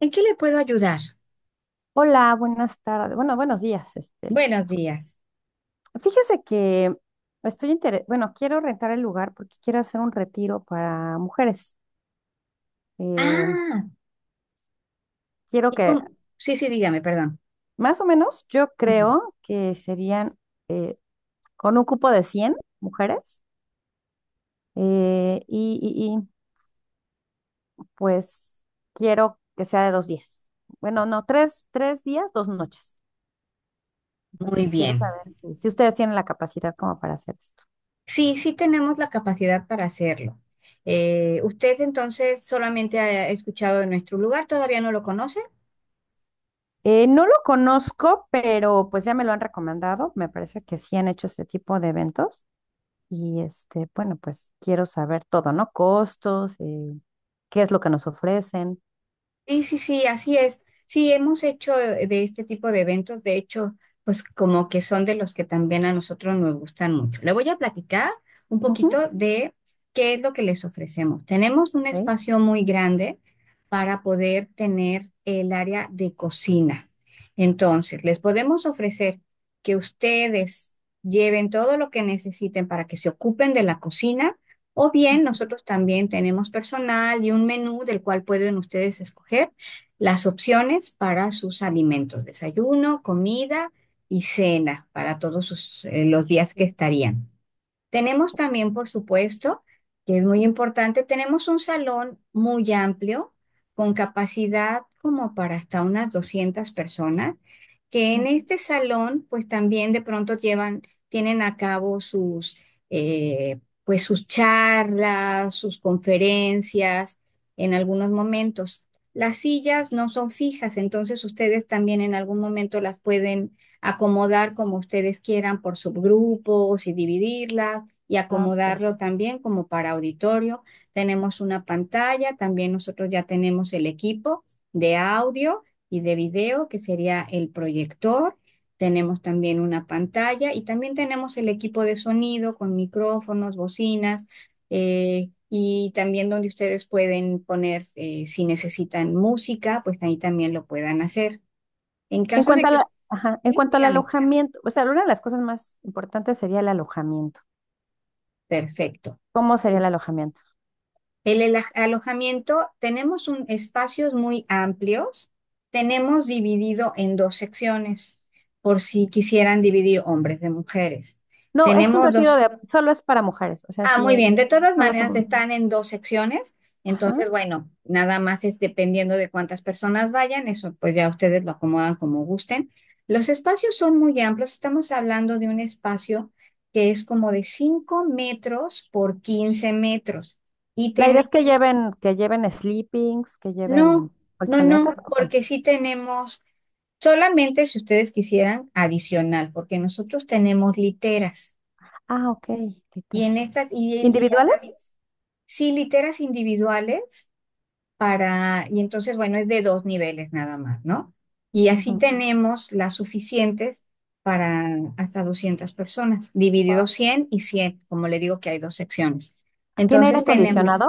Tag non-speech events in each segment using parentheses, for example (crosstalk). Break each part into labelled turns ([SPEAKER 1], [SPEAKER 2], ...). [SPEAKER 1] ¿En qué le puedo ayudar?
[SPEAKER 2] Hola, buenas tardes. Bueno, buenos días.
[SPEAKER 1] Buenos días.
[SPEAKER 2] Fíjese que estoy bueno, quiero rentar el lugar porque quiero hacer un retiro para mujeres. Eh,
[SPEAKER 1] Ah,
[SPEAKER 2] quiero que,
[SPEAKER 1] sí, sí, dígame, perdón.
[SPEAKER 2] más o menos, yo
[SPEAKER 1] Ujú.
[SPEAKER 2] creo que serían con un cupo de 100 mujeres, eh, y, y- y, pues quiero que sea de 2 días. Bueno, no, tres días, 2 noches.
[SPEAKER 1] Muy
[SPEAKER 2] Entonces quiero
[SPEAKER 1] bien.
[SPEAKER 2] saber si ustedes tienen la capacidad como para hacer esto.
[SPEAKER 1] Sí, sí tenemos la capacidad para hacerlo. ¿Usted entonces solamente ha escuchado de nuestro lugar? ¿Todavía no lo conoce?
[SPEAKER 2] No lo conozco, pero pues ya me lo han recomendado. Me parece que sí han hecho este tipo de eventos. Y bueno, pues quiero saber todo, ¿no? Costos, ¿qué es lo que nos ofrecen?
[SPEAKER 1] Sí, sí, sí, así es. Sí, hemos hecho de este tipo de eventos, de hecho, pues como que son de los que también a nosotros nos gustan mucho. Le voy a platicar un
[SPEAKER 2] Ujú.
[SPEAKER 1] poquito de qué es lo que les ofrecemos. Tenemos un
[SPEAKER 2] Ok.
[SPEAKER 1] espacio muy grande para poder tener el área de cocina. Entonces, les podemos ofrecer que ustedes lleven todo lo que necesiten para que se ocupen de la cocina o bien nosotros también tenemos personal y un menú del cual pueden ustedes escoger las opciones para sus alimentos, desayuno, comida y cena para todos sus, los días que
[SPEAKER 2] Sí.
[SPEAKER 1] estarían. Tenemos también, por supuesto, que es muy importante, tenemos un salón muy amplio con capacidad como para hasta unas 200 personas, que en este salón pues también de pronto llevan, tienen a cabo sus, pues sus charlas, sus conferencias en algunos momentos. Las sillas no son fijas, entonces ustedes también en algún momento las pueden acomodar como ustedes quieran por subgrupos y dividirlas y
[SPEAKER 2] Ah, ok.
[SPEAKER 1] acomodarlo también como para auditorio. Tenemos una pantalla, también nosotros ya tenemos el equipo de audio y de video, que sería el proyector. Tenemos también una pantalla y también tenemos el equipo de sonido con micrófonos, bocinas, y también donde ustedes pueden poner, si necesitan música, pues ahí también lo puedan hacer. En
[SPEAKER 2] En
[SPEAKER 1] caso de
[SPEAKER 2] cuanto a
[SPEAKER 1] que,
[SPEAKER 2] la- Ajá, en cuanto al
[SPEAKER 1] dígame,
[SPEAKER 2] alojamiento, o sea, una de las cosas más importantes sería el alojamiento.
[SPEAKER 1] perfecto.
[SPEAKER 2] ¿Cómo sería el alojamiento?
[SPEAKER 1] El alojamiento, tenemos un, espacios muy amplios, tenemos dividido en dos secciones, por si quisieran dividir hombres de mujeres.
[SPEAKER 2] No, es un
[SPEAKER 1] Tenemos
[SPEAKER 2] retiro
[SPEAKER 1] dos.
[SPEAKER 2] de, solo es para mujeres, o sea,
[SPEAKER 1] Ah,
[SPEAKER 2] sí,
[SPEAKER 1] muy bien, de todas
[SPEAKER 2] solo
[SPEAKER 1] maneras
[SPEAKER 2] somos.
[SPEAKER 1] están en dos secciones,
[SPEAKER 2] Ajá.
[SPEAKER 1] entonces, bueno, nada más es dependiendo de cuántas personas vayan, eso pues ya ustedes lo acomodan como gusten. Los espacios son muy amplios, estamos hablando de un espacio que es como de 5 metros por 15 metros. Y
[SPEAKER 2] La idea
[SPEAKER 1] tenemos
[SPEAKER 2] es que lleven sleepings, que lleven
[SPEAKER 1] no, no, no,
[SPEAKER 2] colchonetas.
[SPEAKER 1] porque sí tenemos, solamente si ustedes quisieran, adicional, porque nosotros tenemos literas.
[SPEAKER 2] Ah, ok,
[SPEAKER 1] Y
[SPEAKER 2] literas.
[SPEAKER 1] en estas, y las
[SPEAKER 2] ¿Individuales?
[SPEAKER 1] habi- Sí, literas individuales para, y entonces, bueno, es de dos niveles nada más, ¿no? Y así
[SPEAKER 2] Wow.
[SPEAKER 1] tenemos las suficientes para hasta 200 personas, dividido 100 y 100, como le digo que hay dos secciones.
[SPEAKER 2] ¿Tiene aire
[SPEAKER 1] Entonces tenemos
[SPEAKER 2] acondicionado?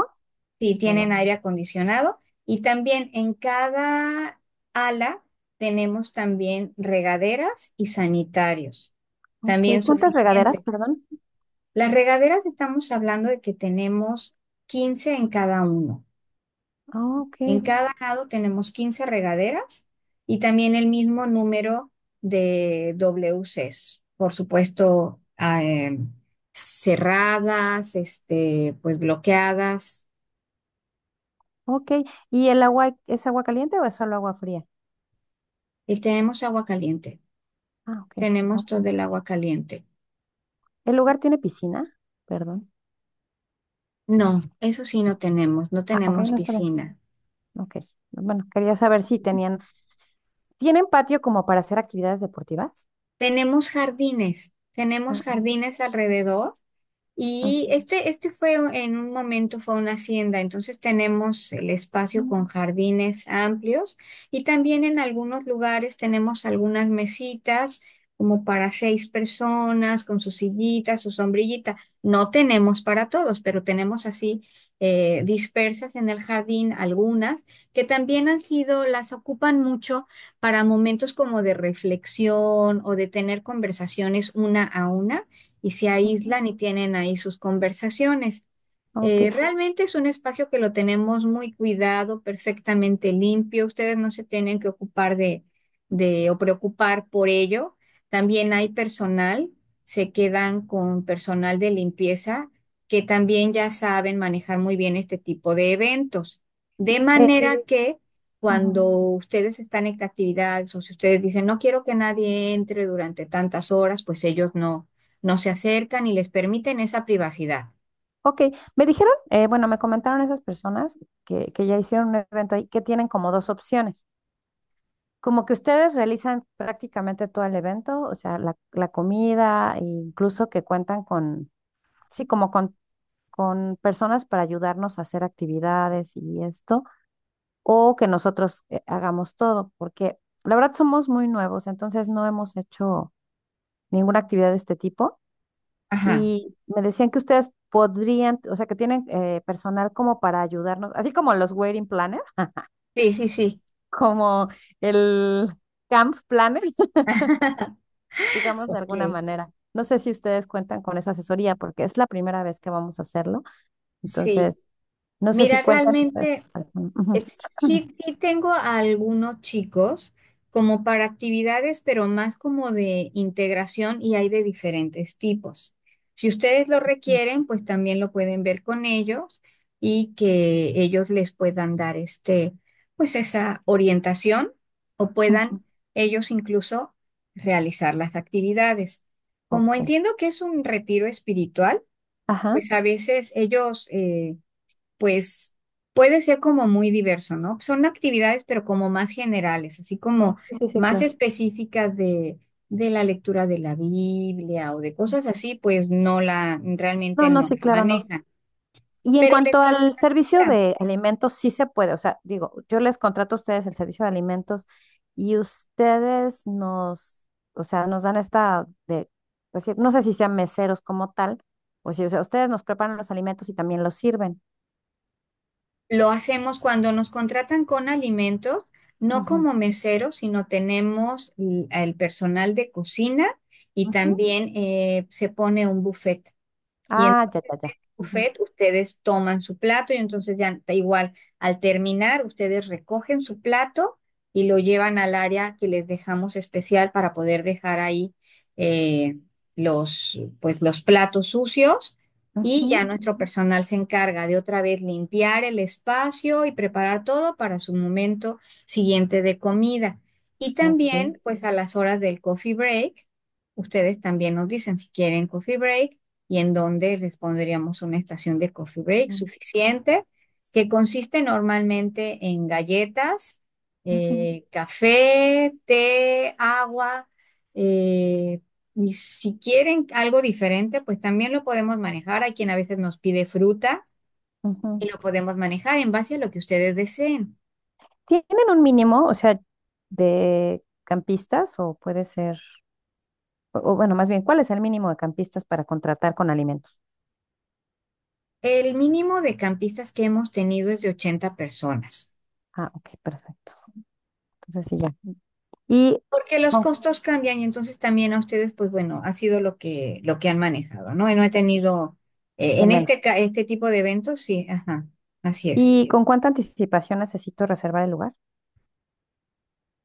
[SPEAKER 1] sí,
[SPEAKER 2] Pero,
[SPEAKER 1] tienen aire acondicionado, y también en cada ala tenemos también regaderas y sanitarios,
[SPEAKER 2] ok,
[SPEAKER 1] también
[SPEAKER 2] ¿cuántas regaderas,
[SPEAKER 1] suficiente.
[SPEAKER 2] perdón?
[SPEAKER 1] Las regaderas, estamos hablando de que tenemos 15 en cada uno.
[SPEAKER 2] Ah, ok,
[SPEAKER 1] En cada lado tenemos 15 regaderas y también el mismo número de WCs, por supuesto, cerradas, este, pues bloqueadas.
[SPEAKER 2] ok. ¿Y el agua es agua caliente o es solo agua fría?
[SPEAKER 1] Y tenemos agua caliente.
[SPEAKER 2] Ah, ok. Ah,
[SPEAKER 1] Tenemos todo el agua caliente.
[SPEAKER 2] ¿el lugar tiene piscina? Perdón.
[SPEAKER 1] No, eso sí no
[SPEAKER 2] No.
[SPEAKER 1] tenemos, no
[SPEAKER 2] Ah, ok,
[SPEAKER 1] tenemos
[SPEAKER 2] no está bien.
[SPEAKER 1] piscina.
[SPEAKER 2] Ok. Bueno, quería saber si tenían, ¿tienen patio como para hacer actividades deportivas?
[SPEAKER 1] Tenemos
[SPEAKER 2] Ah,
[SPEAKER 1] jardines alrededor.
[SPEAKER 2] ujú,
[SPEAKER 1] Y este fue en un momento fue una hacienda, entonces tenemos el espacio
[SPEAKER 2] ujú,
[SPEAKER 1] con jardines amplios, y también en algunos lugares tenemos algunas mesitas como para 6 personas con su sillita, su sombrillita. No tenemos para todos, pero tenemos así dispersas en el jardín algunas que también han sido, las ocupan mucho para momentos como de reflexión o de tener conversaciones una a una y se aíslan y tienen ahí sus conversaciones.
[SPEAKER 2] ok.
[SPEAKER 1] Realmente es un espacio que lo tenemos muy cuidado, perfectamente limpio. Ustedes no se tienen que ocupar de o preocupar por ello. También hay personal, se quedan con personal de limpieza que también ya saben manejar muy bien este tipo de eventos. De
[SPEAKER 2] Eh,
[SPEAKER 1] manera que
[SPEAKER 2] ujú.
[SPEAKER 1] cuando ustedes están en actividades o si ustedes dicen no quiero que nadie entre durante tantas horas, pues ellos no se acercan y les permiten esa privacidad.
[SPEAKER 2] Ok, me dijeron, bueno, me comentaron esas personas que ya hicieron un evento ahí, que tienen como dos opciones, como que ustedes realizan prácticamente todo el evento, o sea, la comida, e incluso que cuentan con, sí, como con personas para ayudarnos a hacer actividades y esto, o que nosotros hagamos todo, porque la verdad somos muy nuevos, entonces no hemos hecho ninguna actividad de este tipo.
[SPEAKER 1] Ajá.
[SPEAKER 2] Y me decían que ustedes podrían, o sea, que tienen personal como para ayudarnos, así como los wedding planner, (laughs)
[SPEAKER 1] Sí, sí, sí.
[SPEAKER 2] como el camp planner, (laughs) digamos de
[SPEAKER 1] Ok,
[SPEAKER 2] alguna manera. No sé si ustedes cuentan con esa asesoría porque es la primera vez que vamos a hacerlo.
[SPEAKER 1] sí.
[SPEAKER 2] Entonces, no sé si
[SPEAKER 1] Mira,
[SPEAKER 2] cuentan ustedes.
[SPEAKER 1] realmente,
[SPEAKER 2] Con alguno.
[SPEAKER 1] Sí, sí tengo a algunos chicos como para actividades, pero más como de integración y hay de diferentes tipos. Si ustedes lo
[SPEAKER 2] Ujú,
[SPEAKER 1] requieren, pues también lo pueden ver con ellos y que ellos les puedan dar este, pues esa orientación, o
[SPEAKER 2] ujú.
[SPEAKER 1] puedan ellos incluso realizar las actividades. Como
[SPEAKER 2] Ok.
[SPEAKER 1] entiendo que es un retiro espiritual,
[SPEAKER 2] Ajá.
[SPEAKER 1] pues a veces ellos pues puede ser como muy diverso, ¿no? Son actividades, pero como más generales, así como
[SPEAKER 2] Sí, sí, sí,
[SPEAKER 1] más
[SPEAKER 2] claro.
[SPEAKER 1] específicas de la lectura de la Biblia o de cosas así, pues no la, realmente
[SPEAKER 2] No, no,
[SPEAKER 1] no la
[SPEAKER 2] sí, claro, no.
[SPEAKER 1] manejan.
[SPEAKER 2] Y en
[SPEAKER 1] Pero les
[SPEAKER 2] cuanto al servicio
[SPEAKER 1] cuenta,
[SPEAKER 2] de alimentos, sí se puede. O sea, digo, yo les contrato a ustedes el servicio de alimentos y ustedes nos, o sea, nos dan esta de, pues, sí, no sé si sean meseros como tal, o si, o sea, ustedes nos preparan los alimentos y también los sirven.
[SPEAKER 1] lo hacemos cuando nos contratan con alimentos, no
[SPEAKER 2] Ujú,
[SPEAKER 1] como meseros, sino tenemos el personal de cocina, y
[SPEAKER 2] ujú.
[SPEAKER 1] también se pone un buffet. Y
[SPEAKER 2] Ah, ya, ya, ya. Ujú,
[SPEAKER 1] buffet, ustedes toman su plato y entonces ya da igual, al terminar, ustedes recogen su plato y lo llevan al área que les dejamos especial para poder dejar ahí eh, los, pues, los platos sucios, y ya
[SPEAKER 2] ujú,
[SPEAKER 1] nuestro personal se encarga de otra vez limpiar el espacio y preparar todo para su momento siguiente de comida. Y
[SPEAKER 2] ok,
[SPEAKER 1] también, pues a las horas del coffee break, ustedes también nos dicen si quieren coffee break y en donde les pondríamos una estación de coffee break
[SPEAKER 2] ujú,
[SPEAKER 1] suficiente, que consiste normalmente en galletas,
[SPEAKER 2] ujú,
[SPEAKER 1] café, té, agua, eh, y si quieren algo diferente, pues también lo podemos manejar. Hay quien a veces nos pide fruta
[SPEAKER 2] ujú.
[SPEAKER 1] y lo podemos manejar en base a lo que ustedes deseen.
[SPEAKER 2] ¿Tienen un mínimo, o sea, de campistas o puede ser, o bueno, más bien, ¿cuál es el mínimo de campistas para contratar con alimentos?
[SPEAKER 1] El mínimo de campistas que hemos tenido es de 80 personas.
[SPEAKER 2] Ah, ok, perfecto. Entonces sí, ya. Y,
[SPEAKER 1] Porque los
[SPEAKER 2] oh,
[SPEAKER 1] costos cambian y entonces también a ustedes, pues bueno, ha sido lo que han manejado, ¿no? Y no he tenido,
[SPEAKER 2] de menos.
[SPEAKER 1] este tipo de eventos, sí, ajá, así es.
[SPEAKER 2] ¿Y con cuánta anticipación necesito reservar el lugar?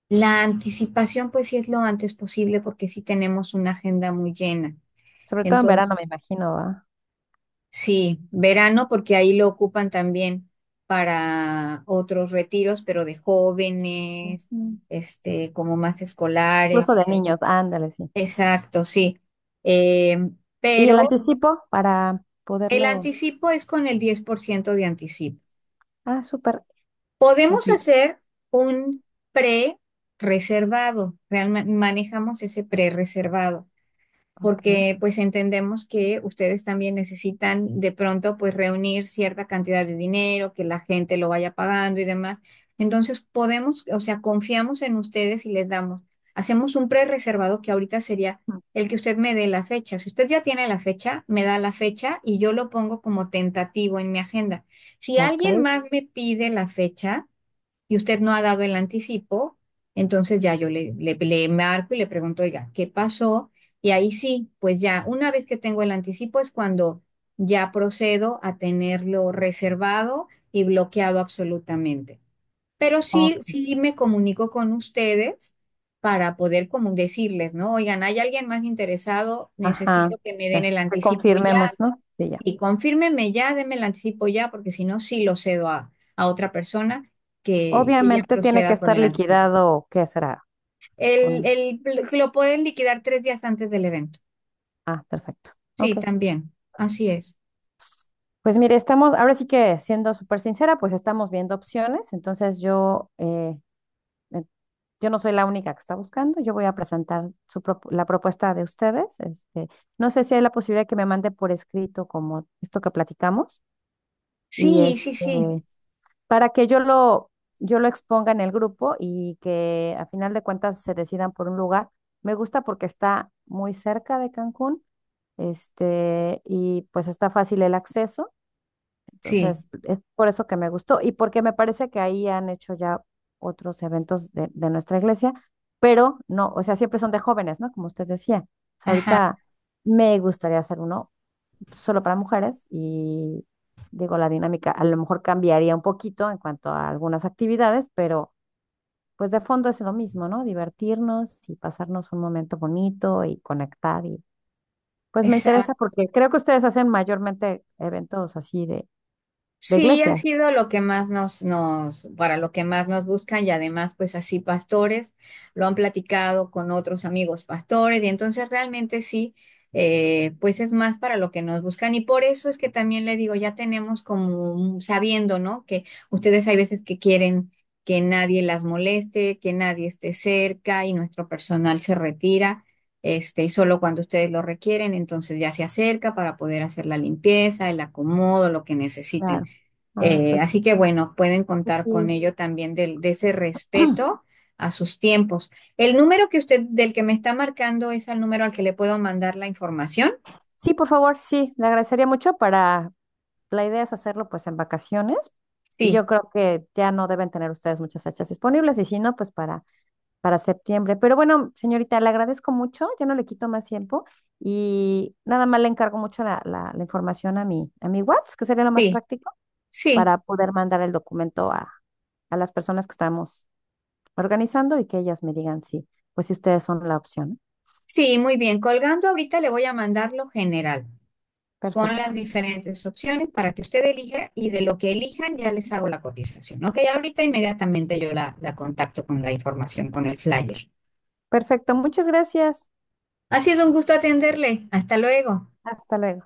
[SPEAKER 1] La anticipación, pues sí es lo antes posible porque sí tenemos una agenda muy llena.
[SPEAKER 2] Sobre todo en verano,
[SPEAKER 1] Entonces,
[SPEAKER 2] me imagino, ¿va?
[SPEAKER 1] sí, verano porque ahí lo ocupan también para otros retiros, pero de jóvenes,
[SPEAKER 2] Ujú.
[SPEAKER 1] este, como más escolares
[SPEAKER 2] Incluso
[SPEAKER 1] y
[SPEAKER 2] de
[SPEAKER 1] cosas.
[SPEAKER 2] niños, ándale, sí.
[SPEAKER 1] Exacto, sí.
[SPEAKER 2] ¿Y el
[SPEAKER 1] Pero
[SPEAKER 2] anticipo para
[SPEAKER 1] el
[SPEAKER 2] poderlo?
[SPEAKER 1] anticipo es con el 10 por ciento de anticipo.
[SPEAKER 2] Ah, súper. Ok,
[SPEAKER 1] Podemos hacer un pre-reservado, manejamos ese pre-reservado
[SPEAKER 2] ok,
[SPEAKER 1] porque pues entendemos que ustedes también necesitan de pronto pues reunir cierta cantidad de dinero, que la gente lo vaya pagando y demás. Entonces podemos, o sea, confiamos en ustedes y les damos, hacemos un pre-reservado que ahorita sería el que usted me dé la fecha. Si usted ya tiene la fecha, me da la fecha y yo lo pongo como tentativo en mi agenda. Si
[SPEAKER 2] ok,
[SPEAKER 1] alguien más me pide la fecha, y usted no ha dado el anticipo, entonces ya yo le marco y le pregunto, oiga, ¿qué pasó? Y ahí sí, pues ya, una vez que tengo el anticipo es cuando ya procedo a tenerlo reservado y bloqueado absolutamente. Pero sí,
[SPEAKER 2] ok.
[SPEAKER 1] sí me comunico con ustedes para poder como decirles, ¿no? Oigan, ¿hay alguien más interesado?
[SPEAKER 2] Ajá,
[SPEAKER 1] Necesito que me den
[SPEAKER 2] ya.
[SPEAKER 1] el
[SPEAKER 2] Que
[SPEAKER 1] anticipo ya.
[SPEAKER 2] confirmemos, ¿no? Sí, ya.
[SPEAKER 1] Y confírmeme ya, deme el anticipo ya, porque si no, sí lo cedo a, otra persona que ya
[SPEAKER 2] Obviamente tiene que
[SPEAKER 1] proceda con
[SPEAKER 2] estar
[SPEAKER 1] el anticipo.
[SPEAKER 2] liquidado, ¿qué será?
[SPEAKER 1] El,
[SPEAKER 2] Con...
[SPEAKER 1] el- lo pueden liquidar 3 días antes del evento.
[SPEAKER 2] Ah, perfecto.
[SPEAKER 1] Sí,
[SPEAKER 2] Ok.
[SPEAKER 1] también. Así es.
[SPEAKER 2] Pues mire, estamos, ahora sí que siendo súper sincera, pues estamos viendo opciones. Entonces eh, yo no soy la única que está buscando. Yo voy a presentar su la propuesta de ustedes. No sé si hay la posibilidad que me mande por escrito como esto que platicamos y
[SPEAKER 1] Sí, sí, sí,
[SPEAKER 2] para que yo lo exponga en el grupo y que a final de cuentas se decidan por un lugar. Me gusta porque está muy cerca de Cancún, y pues está fácil el acceso.
[SPEAKER 1] sí.
[SPEAKER 2] Entonces, es por eso que me gustó y porque me parece que ahí han hecho ya otros eventos de nuestra iglesia, pero no, o sea, siempre son de jóvenes, ¿no? Como usted decía. O sea,
[SPEAKER 1] Ajá.
[SPEAKER 2] ahorita me gustaría hacer uno solo para mujeres y digo, la dinámica a lo mejor cambiaría un poquito en cuanto a algunas actividades, pero pues de fondo es lo mismo, ¿no? Divertirnos y pasarnos un momento bonito y conectar y pues me interesa porque creo que ustedes hacen mayormente eventos así de
[SPEAKER 1] Sí, ha
[SPEAKER 2] iglesia.
[SPEAKER 1] sido lo que más para lo que más nos buscan, y además pues así pastores lo han platicado con otros amigos pastores, y entonces realmente sí, pues es más para lo que nos buscan, y por eso es que también le digo, ya tenemos como sabiendo, ¿no? Que ustedes hay veces que quieren que nadie las moleste, que nadie esté cerca y nuestro personal se retira. Este, y solo cuando ustedes lo requieren, entonces ya se acerca para poder hacer la limpieza, el acomodo, lo que necesiten.
[SPEAKER 2] Claro. Ah, pues
[SPEAKER 1] Así que bueno, pueden
[SPEAKER 2] pues
[SPEAKER 1] contar
[SPEAKER 2] sí.
[SPEAKER 1] con ello también de ese respeto a sus tiempos. El número que usted, del que me está marcando, es el número al que le puedo mandar la información.
[SPEAKER 2] Sí, por favor, sí, le agradecería mucho para, la idea es hacerlo pues en vacaciones y yo
[SPEAKER 1] Sí,
[SPEAKER 2] creo que ya no deben tener ustedes muchas fechas disponibles y si no, pues para, septiembre. Pero bueno, señorita, le agradezco mucho, ya no le quito más tiempo y nada más le encargo mucho la información a mi WhatsApp, que sería lo más
[SPEAKER 1] sí,
[SPEAKER 2] práctico,
[SPEAKER 1] sí,
[SPEAKER 2] para poder mandar el documento a las personas que estamos organizando y que ellas me digan si, pues si ustedes son la opción.
[SPEAKER 1] sí, muy bien. Colgando ahorita le voy a mandar lo general con
[SPEAKER 2] Perfecto,
[SPEAKER 1] las diferentes opciones para que usted elija y de lo que elijan ya les hago la cotización. Ok, ahorita inmediatamente yo la contacto con la información, con el flyer.
[SPEAKER 2] perfecto, muchas gracias.
[SPEAKER 1] Ha sido un gusto atenderle. Hasta luego.
[SPEAKER 2] Hasta luego.